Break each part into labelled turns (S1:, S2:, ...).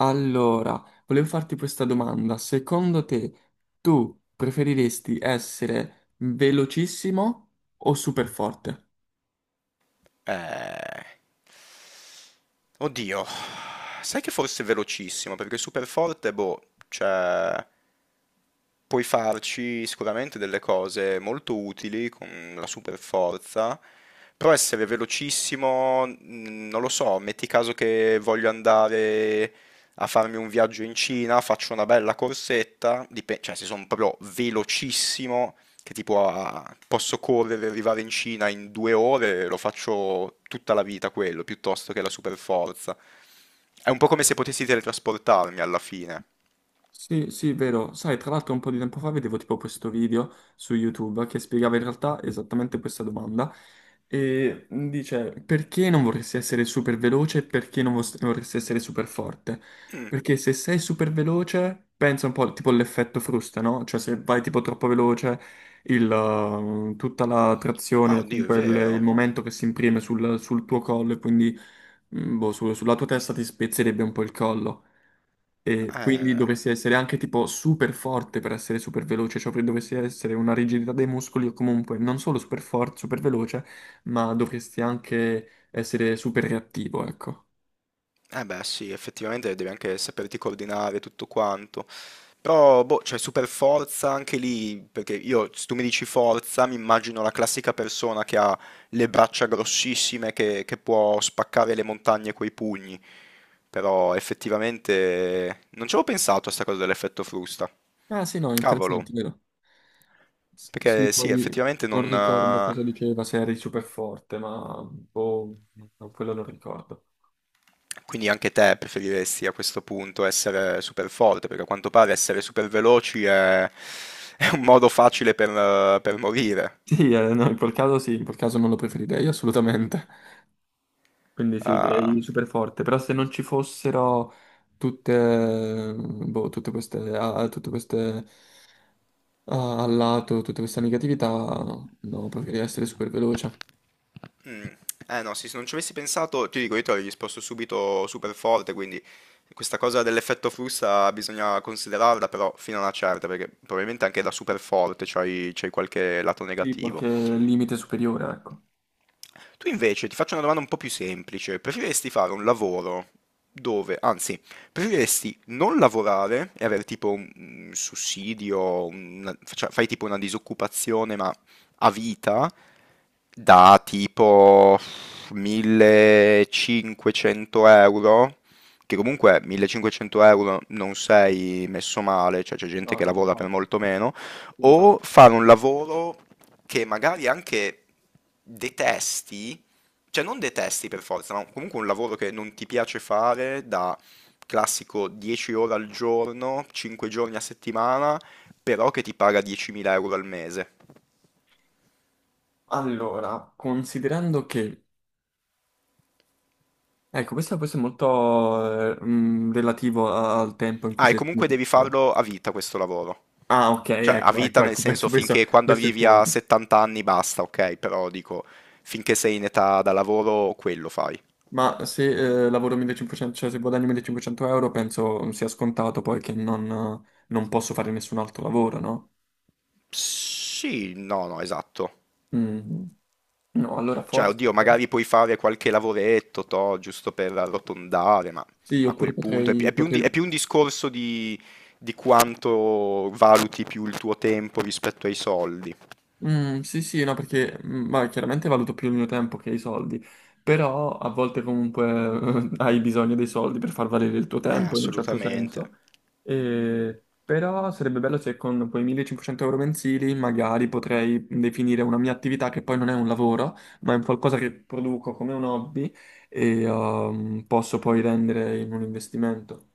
S1: Allora, volevo farti questa domanda. Secondo te, tu preferiresti essere velocissimo o super forte?
S2: Eh, oddio, sai che forse è velocissimo, perché super forte, boh, cioè. Puoi farci sicuramente delle cose molto utili con la super forza, però essere velocissimo, non lo so, metti caso che voglio andare a farmi un viaggio in Cina, faccio una bella corsetta, cioè se sono proprio velocissimo, che tipo posso correre e arrivare in Cina in 2 ore, lo faccio tutta la vita quello, piuttosto che la super forza. È un po' come se potessi teletrasportarmi alla fine.
S1: Sì, sì, vero. Sai, tra l'altro un po' di tempo fa vedevo tipo questo video su YouTube che spiegava in realtà esattamente questa domanda e dice perché non vorresti essere super veloce e perché non vos- vorresti essere super forte?
S2: Mm.
S1: Perché se sei super veloce, pensa un po' tipo all'effetto frusta, no? Cioè se vai tipo troppo veloce, tutta la
S2: Ah,
S1: trazione,
S2: oddio, è
S1: comunque il
S2: vero.
S1: momento che si imprime sul tuo collo e quindi sulla tua testa ti spezzerebbe un po' il collo. E quindi
S2: Eh,
S1: dovresti essere anche tipo super forte per essere super veloce, cioè dovresti essere una rigidità dei muscoli o comunque non solo super forte, super veloce, ma dovresti anche essere super reattivo, ecco.
S2: eh beh sì, effettivamente devi anche saperti coordinare tutto quanto. Però, boh, c'è super forza anche lì, perché io, se tu mi dici forza, mi immagino la classica persona che ha le braccia grossissime, che può spaccare le montagne coi pugni. Però effettivamente non ci avevo pensato a sta cosa dell'effetto frusta.
S1: Ah sì, no,
S2: Cavolo,
S1: interessante, vero? Sì,
S2: perché sì,
S1: poi
S2: effettivamente non.
S1: non ricordo cosa diceva, se eri super forte, ma boh, no, quello non ricordo.
S2: Quindi anche te preferiresti a questo punto essere super forte, perché a quanto pare essere super veloci è un modo facile per morire.
S1: Sì, no, in quel caso sì, in quel caso non lo preferirei assolutamente. Quindi sì,
S2: Ah,
S1: direi super forte, però se non ci fossero tutte, boh, tutte queste a al lato, tutte queste negatività, no, preferirei essere super veloce.
S2: mm. Eh no, sì, se non ci avessi pensato, ti dico, io ti avrei risposto subito super forte, quindi questa cosa dell'effetto frusta bisogna considerarla, però fino a una certa, perché probabilmente anche da super forte c'hai qualche lato
S1: Sì,
S2: negativo.
S1: qualche limite superiore, ecco.
S2: Tu invece ti faccio una domanda un po' più semplice. Preferiresti fare un lavoro dove, anzi, preferiresti non lavorare e avere tipo un sussidio, fai tipo una disoccupazione ma a vita da tipo 1500 euro? Che comunque 1500 euro non sei messo male, cioè c'è gente
S1: No,
S2: che
S1: no,
S2: lavora per
S1: infatti.
S2: molto meno,
S1: Infatti.
S2: o fare un lavoro che magari anche detesti, cioè non detesti per forza, ma comunque un lavoro che non ti piace fare da classico 10 ore al giorno, 5 giorni a settimana, però che ti paga 10.000 euro al mese.
S1: Allora, considerando che, ecco, questo è molto relativo al tempo in cui
S2: Ah, e
S1: si è
S2: comunque devi
S1: esposto.
S2: farlo a vita questo lavoro.
S1: Ah, ok,
S2: Cioè, a
S1: ecco,
S2: vita
S1: ecco,
S2: nel
S1: ecco, questo,
S2: senso
S1: questo
S2: finché quando
S1: questo è il
S2: arrivi a
S1: punto.
S2: 70 anni basta, ok, però dico, finché sei in età da lavoro, quello fai.
S1: Ma se lavoro 1500, cioè se guadagno 1500 euro, penso sia scontato poi che non, non posso fare nessun altro lavoro, no?
S2: Sì, no, no, esatto.
S1: Mm. No, allora
S2: Cioè,
S1: forse
S2: oddio, magari puoi fare qualche lavoretto, toh, giusto per arrotondare, ma
S1: sì,
S2: a
S1: oppure
S2: quel punto è
S1: potrei...
S2: più un discorso di quanto valuti più il tuo tempo rispetto ai soldi.
S1: Sì, sì, no, perché ma chiaramente valuto più il mio tempo che i soldi, però a volte comunque hai bisogno dei soldi per far valere il tuo tempo in un certo
S2: Assolutamente.
S1: senso. E- però sarebbe bello se con quei 1500 euro mensili magari potrei definire una mia attività che poi non è un lavoro, ma è un qualcosa che produco come un hobby e posso poi rendere in un investimento.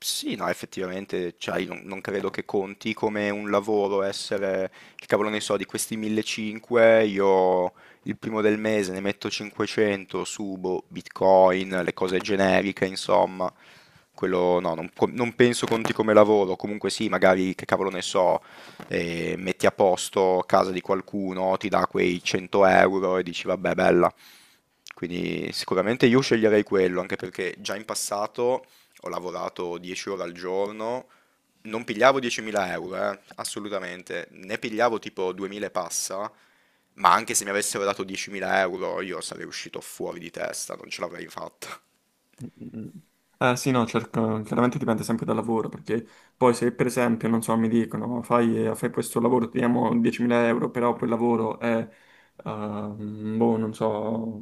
S2: Sì, no, effettivamente, cioè, io non credo che conti come un lavoro essere, che cavolo ne so, di questi 1500, io il primo del mese ne metto 500, subo Bitcoin, le cose generiche, insomma, quello no, non penso conti come lavoro, comunque sì, magari, che cavolo ne so, metti a posto casa di qualcuno, ti dà quei 100 euro e dici, vabbè, bella. Quindi sicuramente io sceglierei quello, anche perché già in passato ho lavorato 10 ore al giorno, non pigliavo 10.000 euro, assolutamente, ne pigliavo tipo 2.000 e passa, ma anche se mi avessero dato 10.000 euro io sarei uscito fuori di testa, non ce l'avrei fatta.
S1: Mm. Eh sì, no, cerco, chiaramente dipende sempre dal lavoro, perché poi se per esempio, non so, mi dicono fai questo lavoro, ti diamo 10.000 euro, però quel lavoro è, non so,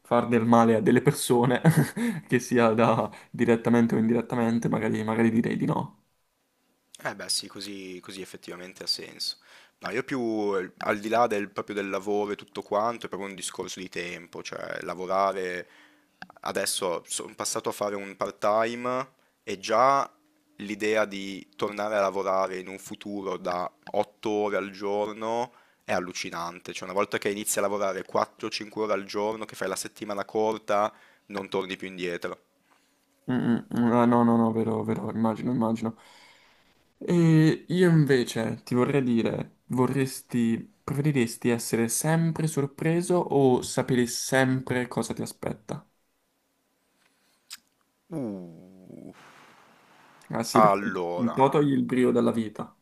S1: far del male a delle persone, che sia da direttamente o indirettamente, magari, magari direi di no.
S2: Eh beh sì, così, così effettivamente ha senso. No, io più al di là del, proprio del lavoro e tutto quanto, è proprio un discorso di tempo, cioè lavorare adesso sono passato a fare un part-time e già l'idea di tornare a lavorare in un futuro da 8 ore al giorno è allucinante, cioè una volta che inizi a lavorare 4-5 ore al giorno, che fai la settimana corta, non torni più indietro.
S1: Mm, mm, ah, no, no, no, vero, vero, immagino, immagino. E io invece ti vorrei dire, vorresti, preferiresti essere sempre sorpreso o sapere sempre cosa ti aspetta?
S2: Uh,
S1: Ah sì, perché un
S2: allora.
S1: po' togli il brio dalla vita,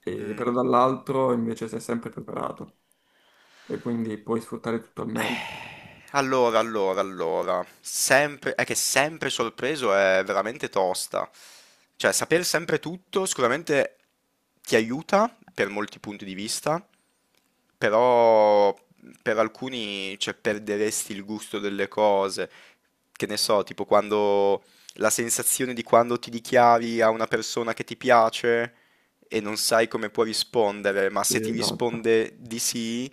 S1: e però
S2: mm,
S1: dall'altro invece sei sempre preparato e quindi puoi sfruttare tutto al meglio.
S2: Allora, allora, allora, sempre, è che sempre sorpreso è veramente tosta. Cioè, saper sempre tutto sicuramente ti aiuta per molti punti di vista, però per alcuni cioè, perderesti il gusto delle cose. Che ne so, tipo quando la sensazione di quando ti dichiari a una persona che ti piace e non sai come può rispondere, ma
S1: Sì,
S2: se ti
S1: esatto.
S2: risponde di sì,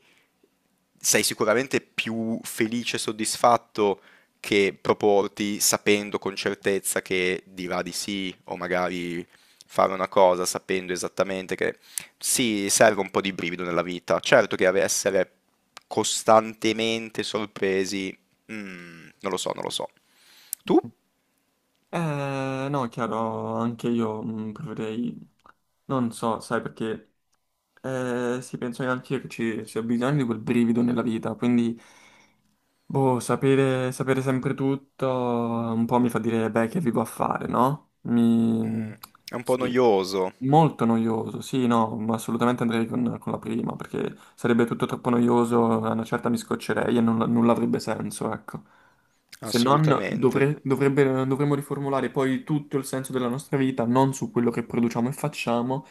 S2: sei sicuramente più felice e soddisfatto che proporti sapendo con certezza che dirà di sì o magari fare una cosa sapendo esattamente che sì, serve un po' di brivido nella vita. Certo che essere costantemente sorpresi, non lo so, non lo so. Tu?
S1: No, è chiaro, anche io preferirei, non so, sai perché, sì, penso che anche io che ci sia bisogno di quel brivido nella vita, quindi... Boh, sapere sempre tutto un po' mi fa dire, beh, che vivo a fare, no? Mi...
S2: Mm, è un po'
S1: Sì,
S2: noioso,
S1: molto noioso, sì, no, ma assolutamente andrei con la prima, perché sarebbe tutto troppo noioso, a una certa mi scoccerei e non, non avrebbe senso, ecco. Se non,
S2: assolutamente.
S1: dovremmo riformulare poi tutto il senso della nostra vita, non su quello che produciamo e facciamo,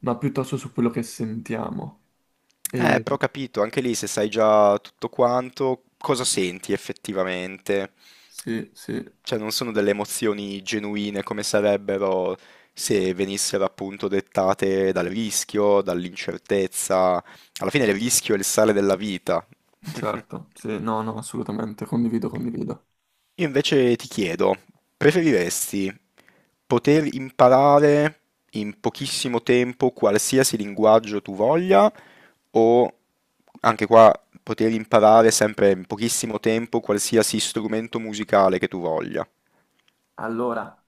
S1: ma piuttosto su quello che sentiamo. E...
S2: Però ho capito, anche lì se sai già tutto quanto, cosa senti effettivamente?
S1: Sì, sì.
S2: Cioè, non sono delle emozioni genuine come sarebbero se venissero appunto dettate dal rischio, dall'incertezza. Alla fine il rischio è il sale della vita.
S1: Certo, sì, no, no, assolutamente, condivido, condivido.
S2: Io invece ti chiedo, preferiresti poter imparare in pochissimo tempo qualsiasi linguaggio tu voglia o anche qua poter imparare sempre in pochissimo tempo qualsiasi strumento musicale che tu voglia?
S1: Allora,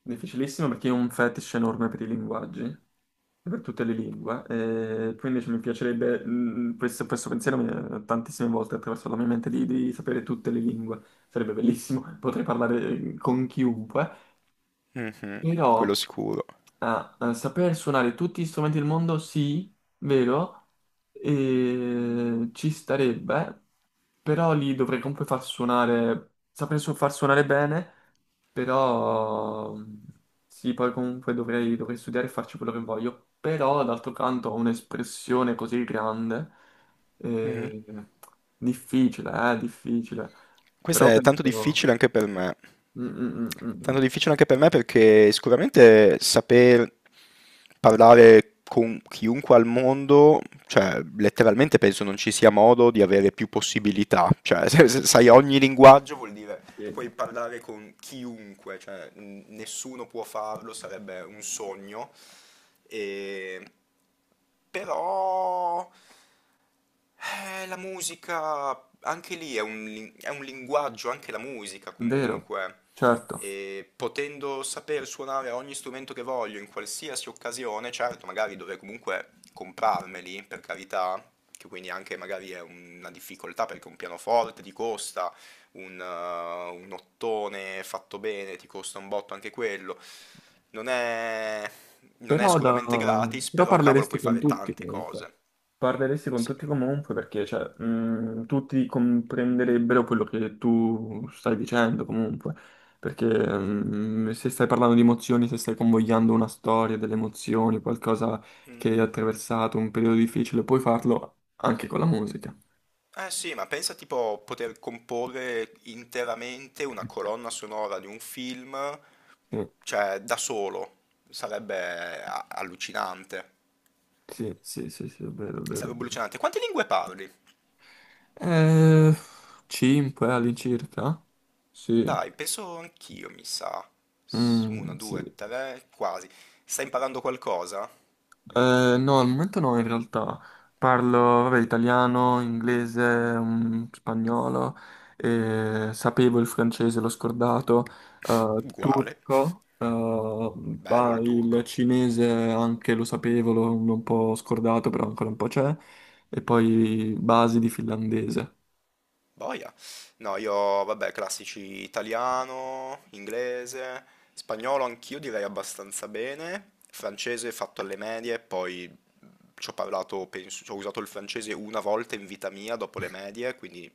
S1: difficilissimo perché io ho un fetish enorme per i linguaggi, e per tutte le lingue, e quindi cioè, mi piacerebbe, questo, questo pensiero mi è tantissime volte attraverso la mia mente di sapere tutte le lingue, sarebbe bellissimo, potrei parlare con chiunque,
S2: Mm, quello
S1: però
S2: sicuro.
S1: saper suonare tutti gli strumenti del mondo, sì, vero, e ci starebbe, però li dovrei comunque far suonare, far suonare bene. Però sì, poi comunque dovrei studiare e farci quello che voglio. Però d'altro canto ho un'espressione così grande,
S2: Mm.
S1: eh, difficile, difficile. Però
S2: Questa è tanto
S1: penso...
S2: difficile anche per me.
S1: Mm, mm, mm, mm, mm.
S2: Tanto difficile anche per me perché sicuramente saper parlare con chiunque al mondo, cioè letteralmente penso non ci sia modo di avere più possibilità. Cioè, se sai ogni linguaggio vuol dire
S1: Sì,
S2: puoi parlare con chiunque, cioè nessuno può farlo, sarebbe un sogno. E... Però la musica, anche lì è un linguaggio, anche la musica
S1: vero,
S2: comunque.
S1: certo.
S2: E potendo saper suonare ogni strumento che voglio in qualsiasi occasione, certo, magari dovrei comunque comprarmeli, per carità, che quindi anche magari è una difficoltà perché un pianoforte ti costa un ottone fatto bene, ti costa un botto anche quello. Non è, non è
S1: Però, da-
S2: sicuramente gratis,
S1: però
S2: però cavolo
S1: parleresti
S2: puoi
S1: con
S2: fare
S1: tutti
S2: tante
S1: comunque.
S2: cose.
S1: Parleresti con
S2: Sì.
S1: tutti comunque perché cioè, tutti comprenderebbero quello che tu stai dicendo comunque. Perché se stai parlando di emozioni, se stai convogliando una storia delle emozioni, qualcosa
S2: Mm.
S1: che hai attraversato, un periodo difficile, puoi farlo anche con la musica.
S2: Eh sì, ma pensa tipo poter comporre interamente una colonna sonora di un film,
S1: Sì,
S2: cioè da solo. Sarebbe allucinante.
S1: sì, sì, sì, sì, è vero, è vero, è
S2: Sarebbe
S1: vero.
S2: allucinante. Quante lingue parli?
S1: Eh, 5 all'incirca? Sì.
S2: Dai, penso anch'io, mi sa. Una,
S1: Mm, sì.
S2: due, tre, quasi. Stai imparando qualcosa?
S1: No, al momento no, in realtà. Parlo, vabbè, italiano, inglese, spagnolo, sapevo il francese, l'ho scordato,
S2: Uguale.
S1: turco,
S2: Bello
S1: bah,
S2: il
S1: il
S2: turco.
S1: cinese anche lo sapevo, l'ho un po' scordato, però ancora un po' c'è, e poi basi di finlandese.
S2: Boia. No, io, vabbè, classici italiano, inglese, spagnolo anch'io direi abbastanza bene, francese fatto alle medie, poi ci ho parlato, penso, ci ho usato il francese una volta in vita mia dopo le medie, quindi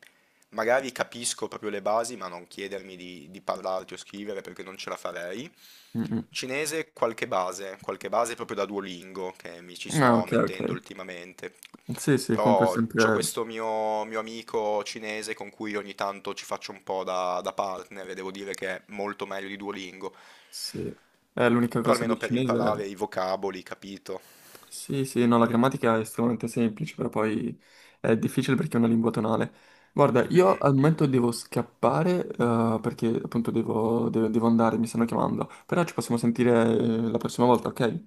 S2: magari capisco proprio le basi, ma non chiedermi di, parlarti o scrivere perché non ce la farei.
S1: Mm, mm.
S2: Cinese, qualche base proprio da Duolingo che mi ci
S1: Ah,
S2: sto
S1: ok, ok.
S2: mettendo ultimamente.
S1: Sì, sì, comunque
S2: Però c'ho
S1: sempre...
S2: questo mio amico cinese con cui ogni tanto ci faccio un po' da, partner e devo dire che è molto meglio di Duolingo.
S1: Sì. L'unica
S2: Però
S1: cosa
S2: almeno
S1: del
S2: per imparare
S1: cinese...
S2: i vocaboli, capito?
S1: Sì, sì, no, la grammatica è estremamente semplice, però poi è difficile perché è una lingua tonale. Guarda, io al momento devo scappare, perché appunto devo, devo andare, mi stanno chiamando, però ci possiamo sentire la prossima volta, ok?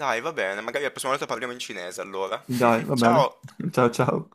S2: Dai, va bene, magari la prossima volta parliamo in cinese allora.
S1: Dai, va bene.
S2: Ciao!
S1: Ciao, ciao.